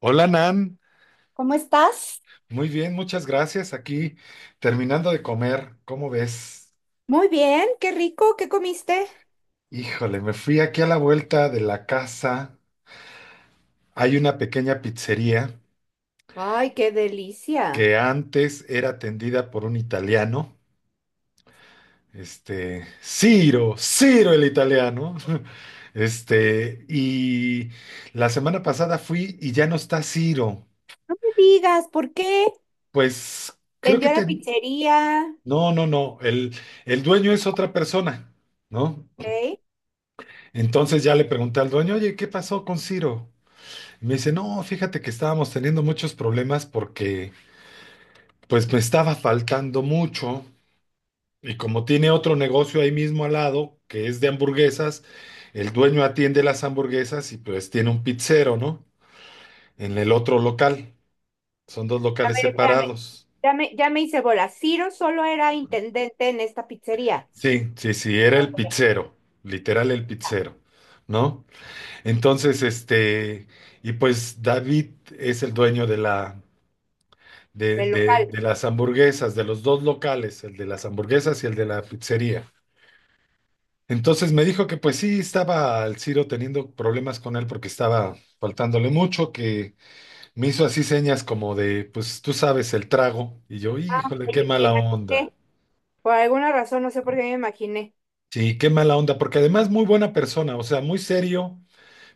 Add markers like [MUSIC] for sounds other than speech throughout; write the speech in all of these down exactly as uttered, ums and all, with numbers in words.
Hola Nan, ¿Cómo estás? muy bien, muchas gracias. Aquí terminando de comer, ¿cómo ves? Muy bien, qué rico, ¿qué comiste? Híjole, me fui aquí a la vuelta de la casa. Hay una pequeña pizzería Ay, qué delicia. que antes era atendida por un italiano, este, Ciro, Ciro el italiano. [LAUGHS] Este, y la semana pasada fui y ya no está Ciro. No me digas, ¿por qué? Pues creo que Vendió a la te. pizzería. No, no, no, el, el dueño es otra persona, ¿no? Ok. Entonces ya le pregunté al dueño, oye, ¿qué pasó con Ciro? Y me dice, no, fíjate que estábamos teniendo muchos problemas porque pues me estaba faltando mucho y como tiene otro negocio ahí mismo al lado, que es de hamburguesas, el dueño atiende las hamburguesas y pues tiene un pizzero, ¿no? En el otro local, son dos A locales ver, espérame. separados. Ya me, ya me hice bola. Ciro solo era intendente en esta pizzería. Sí, sí, sí, era Ah, el ok. pizzero, literal el Ah, pizzero, ¿no? Entonces, este, y pues David es el dueño de la de, del de, local. de las hamburguesas, de los dos locales, el de las hamburguesas y el de la pizzería. Entonces me dijo que pues sí, estaba el Ciro teniendo problemas con él porque estaba faltándole mucho, que me hizo así señas como de, pues tú sabes, el trago. Y yo, híjole, Oye, qué me mala onda. imaginé. Por alguna razón, no sé por qué me imaginé. Sí, qué mala onda, porque además muy buena persona, o sea, muy serio,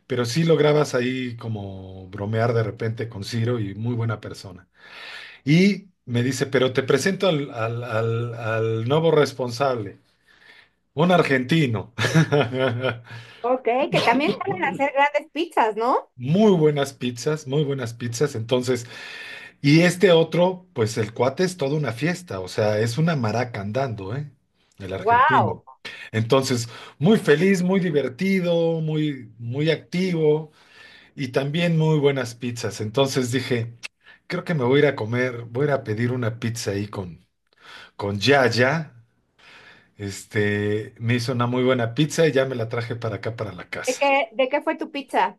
pero sí lograbas ahí como bromear de repente con Ciro y muy buena persona. Y me dice, pero te presento al, al, al, al nuevo responsable. Un argentino. [LAUGHS] Ok, que también saben hacer grandes pizzas, ¿no? Muy buenas pizzas, muy buenas pizzas. Entonces, y este otro, pues el cuate es toda una fiesta, o sea, es una maraca andando, ¿eh? El argentino. Wow. Entonces, muy feliz, muy divertido, muy, muy activo y también muy buenas pizzas. Entonces dije, creo que me voy a ir a comer, voy a ir a pedir una pizza ahí con, con Yaya. Este, me hizo una muy buena pizza y ya me la traje para acá, para la ¿De casa. qué, de qué fue tu pizza?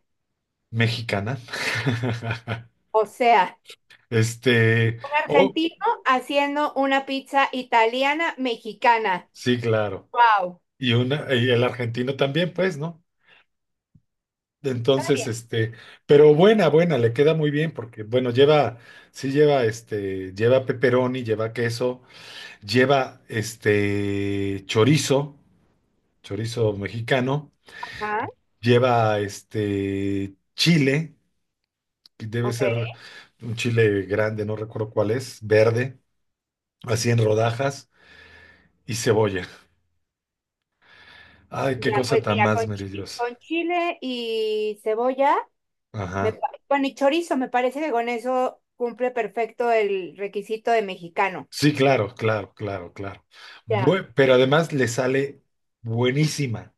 Mexicana. [LAUGHS] O sea. Este, Un oh, argentino haciendo una pizza italiana mexicana. sí, claro. Wow, Y una, y el argentino también, pues, ¿no? está Entonces, bien. este, pero buena, buena, le queda muy bien porque, bueno, lleva, sí lleva, este, lleva pepperoni, lleva queso, lleva, este, chorizo, chorizo mexicano, Ajá, lleva, este, chile, que debe ok. ser un chile grande, no recuerdo cuál es, verde, así en rodajas, y cebolla. Ay, qué Ya, cosa pues tan mira, más con, chi- maravillosa. con chile y cebolla, me, Ajá. pa- bueno, y chorizo, me parece que con eso cumple perfecto el requisito de mexicano. Sí, claro, claro, claro, claro. Ya. Bue- pero además le sale buenísima.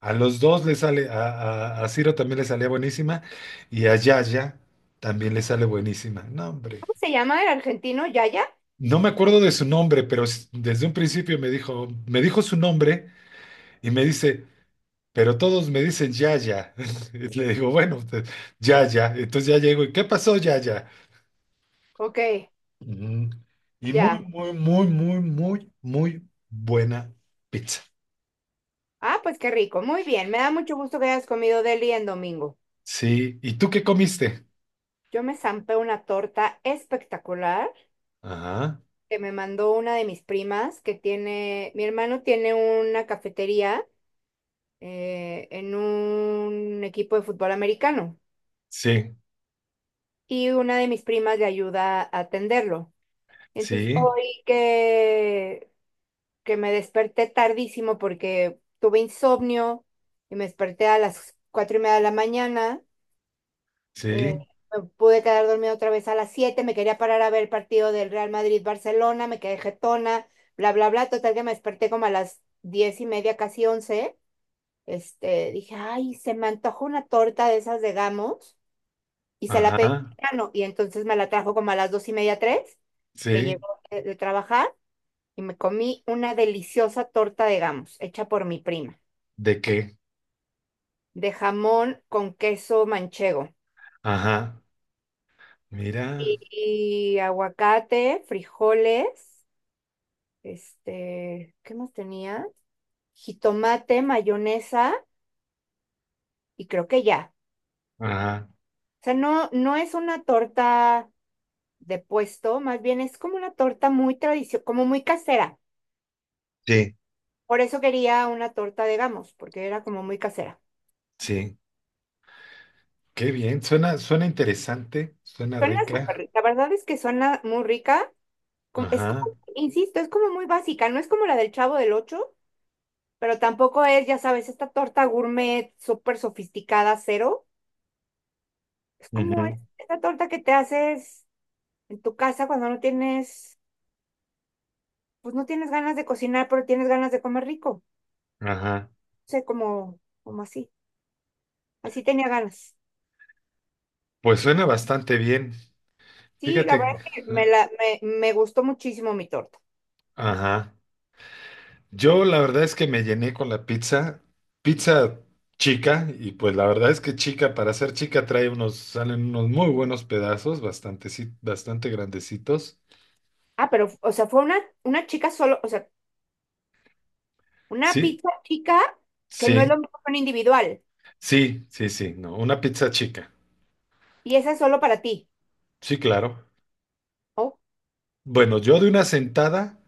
A los dos le sale, a, a, a Ciro también le salía buenísima y a Yaya también le sale buenísima. No, hombre. ¿Cómo se llama el argentino? ¿Yaya? No me acuerdo de su nombre, pero s- desde un principio me dijo, me dijo, su nombre y me dice, pero todos me dicen Yaya. [LAUGHS] Y le digo, bueno, pues, Yaya. Entonces ya llego y, ¿qué pasó, Yaya? Ok, Ujú. Y muy, ya. muy, muy, muy, muy, muy buena pizza. Ah, pues qué rico. Muy bien. Me da mucho gusto que hayas comido deli en domingo. Sí. ¿Y tú qué comiste? Yo me zampé una torta espectacular Ajá. que me mandó una de mis primas que tiene, mi hermano tiene una cafetería, eh, en un equipo de fútbol americano, Sí, y una de mis primas le ayuda a atenderlo. Entonces, sí, hoy que, que me desperté tardísimo porque tuve insomnio y me desperté a las cuatro y media de la mañana. Eh, sí. Me pude quedar dormida otra vez, a las siete me quería parar a ver el partido del Real Madrid-Barcelona, me quedé jetona, bla, bla, bla. Total que me desperté como a las diez y media, casi once. Este, dije, ay, se me antojó una torta de esas de Gamos y se la pedí al Ajá. mexicano, y entonces me la trajo como a las dos y media, tres, que Sí. llegó de, de trabajar y me comí una deliciosa torta de Gamos hecha por mi prima, ¿De qué? de jamón con queso manchego Ajá. Mira. y y aguacate, frijoles. Este, ¿qué más tenía? Jitomate, mayonesa y creo que ya. Ajá. O sea, no, no es una torta de puesto, más bien es como una torta muy tradicional, como muy casera. Sí, Por eso quería una torta de Gamos, porque era como muy casera. sí. Qué bien. Suena, suena interesante. Suena Suena súper rica. rica, la verdad es que suena muy rica. com- Es Ajá. como, insisto, es como muy básica, no es como la del Chavo del Ocho, pero tampoco es, ya sabes, esta torta gourmet súper sofisticada, cero. Es como es- Ujú. esta torta que te haces en tu casa cuando no tienes, pues no tienes ganas de cocinar, pero tienes ganas de comer rico. Ajá. O sea, como, como así. Así tenía ganas. Pues suena bastante bien. Sí, la verdad Fíjate. es que me, la, me, me gustó muchísimo mi torta. Ajá. Yo la verdad es que me llené con la pizza, pizza chica, y pues la verdad es que chica, para ser chica trae unos, salen unos muy buenos pedazos, bastante, si, bastante grandecitos. Ah, pero, o sea, fue una, una chica solo, o sea, una Sí, pizza chica, que no es lo sí, mismo que un individual. sí, sí, sí, no, una pizza chica. Y esa es solo para ti. Sí, claro. Oh, Bueno, yo de una sentada,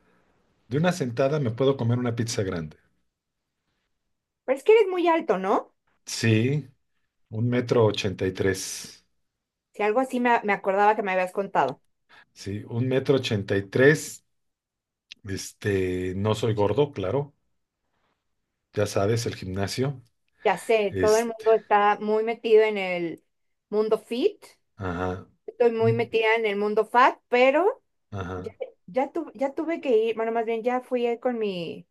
de una sentada me puedo comer una pizza grande. pero es que eres muy alto, ¿no? Sí, un metro ochenta y tres. Si algo así me, me acordaba que me habías contado. Sí, un metro ochenta y tres. Este, no soy gordo, claro. Ya sabes, el gimnasio. Ya sé, todo el Este, mundo está muy metido en el mundo fit. Ajá, Estoy muy metida en el mundo fat, pero… Ya, ajá, ya, tu- ya tuve que ir, bueno, más bien ya fui ahí con mi,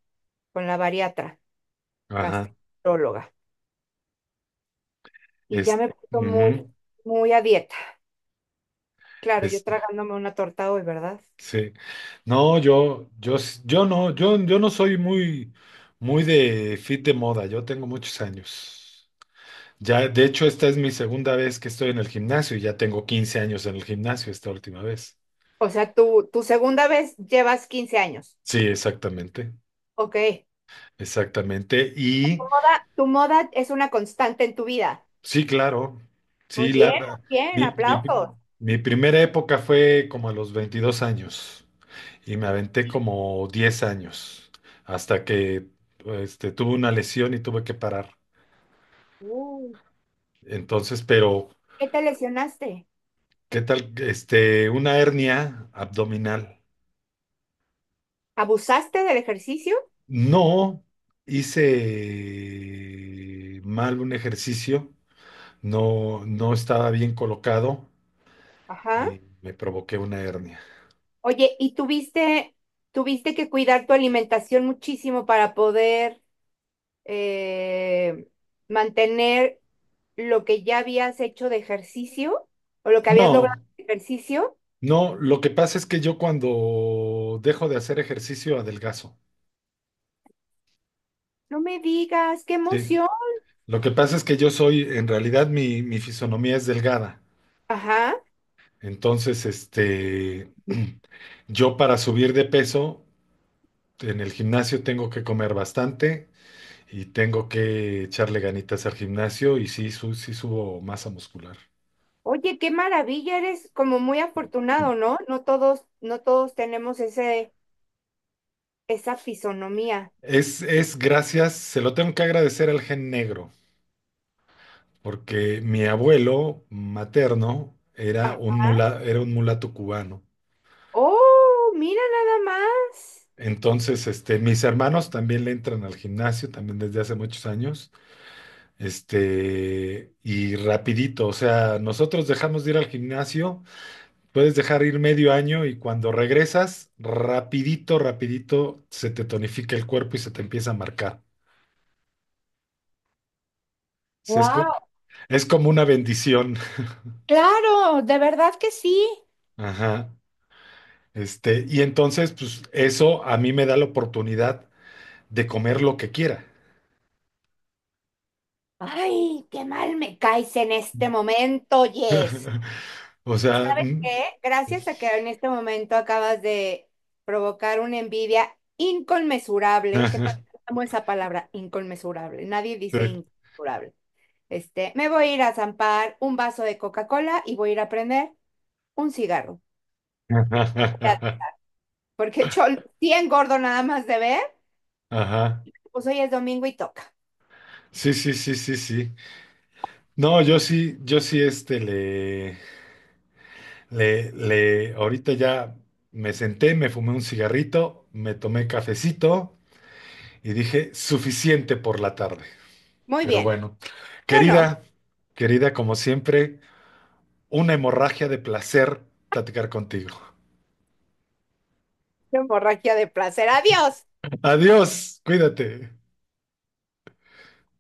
con la bariatra, ajá, gastróloga, y ya es, me puso muy, ujú, muy a dieta. Claro, yo es, tragándome una torta hoy, ¿verdad? sí. No, yo, yo, s- yo no, yo, yo no soy muy, muy de fit de moda, yo tengo muchos años. Ya, de hecho, esta es mi segunda vez que estoy en el gimnasio y ya tengo quince años en el gimnasio esta última vez. O sea, tu, tu segunda vez llevas quince años. Sí, exactamente, Ok. exactamente. Tu Y moda, tu moda es una constante en tu vida. sí, claro, Muy sí, bien, la, muy bien, mi, mi, aplausos. mi primera época fue como a los veintidós años. Y me aventé Y- como diez años hasta que este, tuve una lesión y tuve que parar. uh, Entonces, pero, ¿Qué te lesionaste? ¿qué tal? Este, una hernia abdominal. ¿Abusaste del ejercicio? No hice mal un ejercicio, no, no estaba bien colocado Ajá. y me provoqué una hernia. Oye, ¿y tuviste, ¿tuviste que cuidar tu alimentación muchísimo para poder eh, mantener lo que ya habías hecho de ejercicio o lo que habías logrado No, de ejercicio? no, lo que pasa es que yo cuando dejo de hacer ejercicio adelgazo. No me digas, qué Sí, emoción. Lo que pasa es que yo soy, en realidad mi, mi, fisonomía es delgada. Ajá. Entonces, este, [CLEARS THROAT] yo para subir de peso en el gimnasio tengo que comer bastante y tengo que echarle ganitas al gimnasio y sí, su- sí subo masa muscular. Oye, qué maravilla, eres como muy afortunado, ¿no? No todos, no todos tenemos ese, esa fisonomía. Es, es gracias, se lo tengo que agradecer al gen negro, porque mi abuelo materno era Ajá. un mula- era un mulato cubano. Oh, mira nada más. Entonces, este, mis hermanos también le entran al gimnasio, también desde hace muchos años, este, y rapidito, o sea, nosotros dejamos de ir al gimnasio, puedes dejar ir medio año y cuando regresas, rapidito, rapidito, se te tonifica el cuerpo y se te empieza a marcar. Se- Es, co- Wow, es como una bendición. claro, de verdad que sí. Ajá. Este, y entonces, pues eso a mí me da la oportunidad de comer lo que quiera. Ay, qué mal me caes en este momento, Jess. [LAUGHS] O sea, mm, Que gracias a que en este momento acabas de provocar una envidia inconmensurable, ¿qué tal? [LAUGHS] Amo esa palabra, inconmensurable. Nadie sí. dice inconmensurable. Este, me voy a ir a zampar un vaso de Coca-Cola y voy a ir a prender un cigarro. [LAUGHS] Ajá. Porque yo sí engordo nada más de ver, Ajá. pues hoy es domingo y toca. Sí, sí, sí, sí, sí. No, yo sí, yo sí, este, le, le, le, ahorita ya me senté, me fumé un cigarrito, me tomé cafecito y dije, suficiente por la tarde. Muy Pero bien. bueno, Yo no. querida, querida, como siempre, una hemorragia de placer platicar contigo. Yo Borraquia de placer. Adiós. Adiós, cuídate.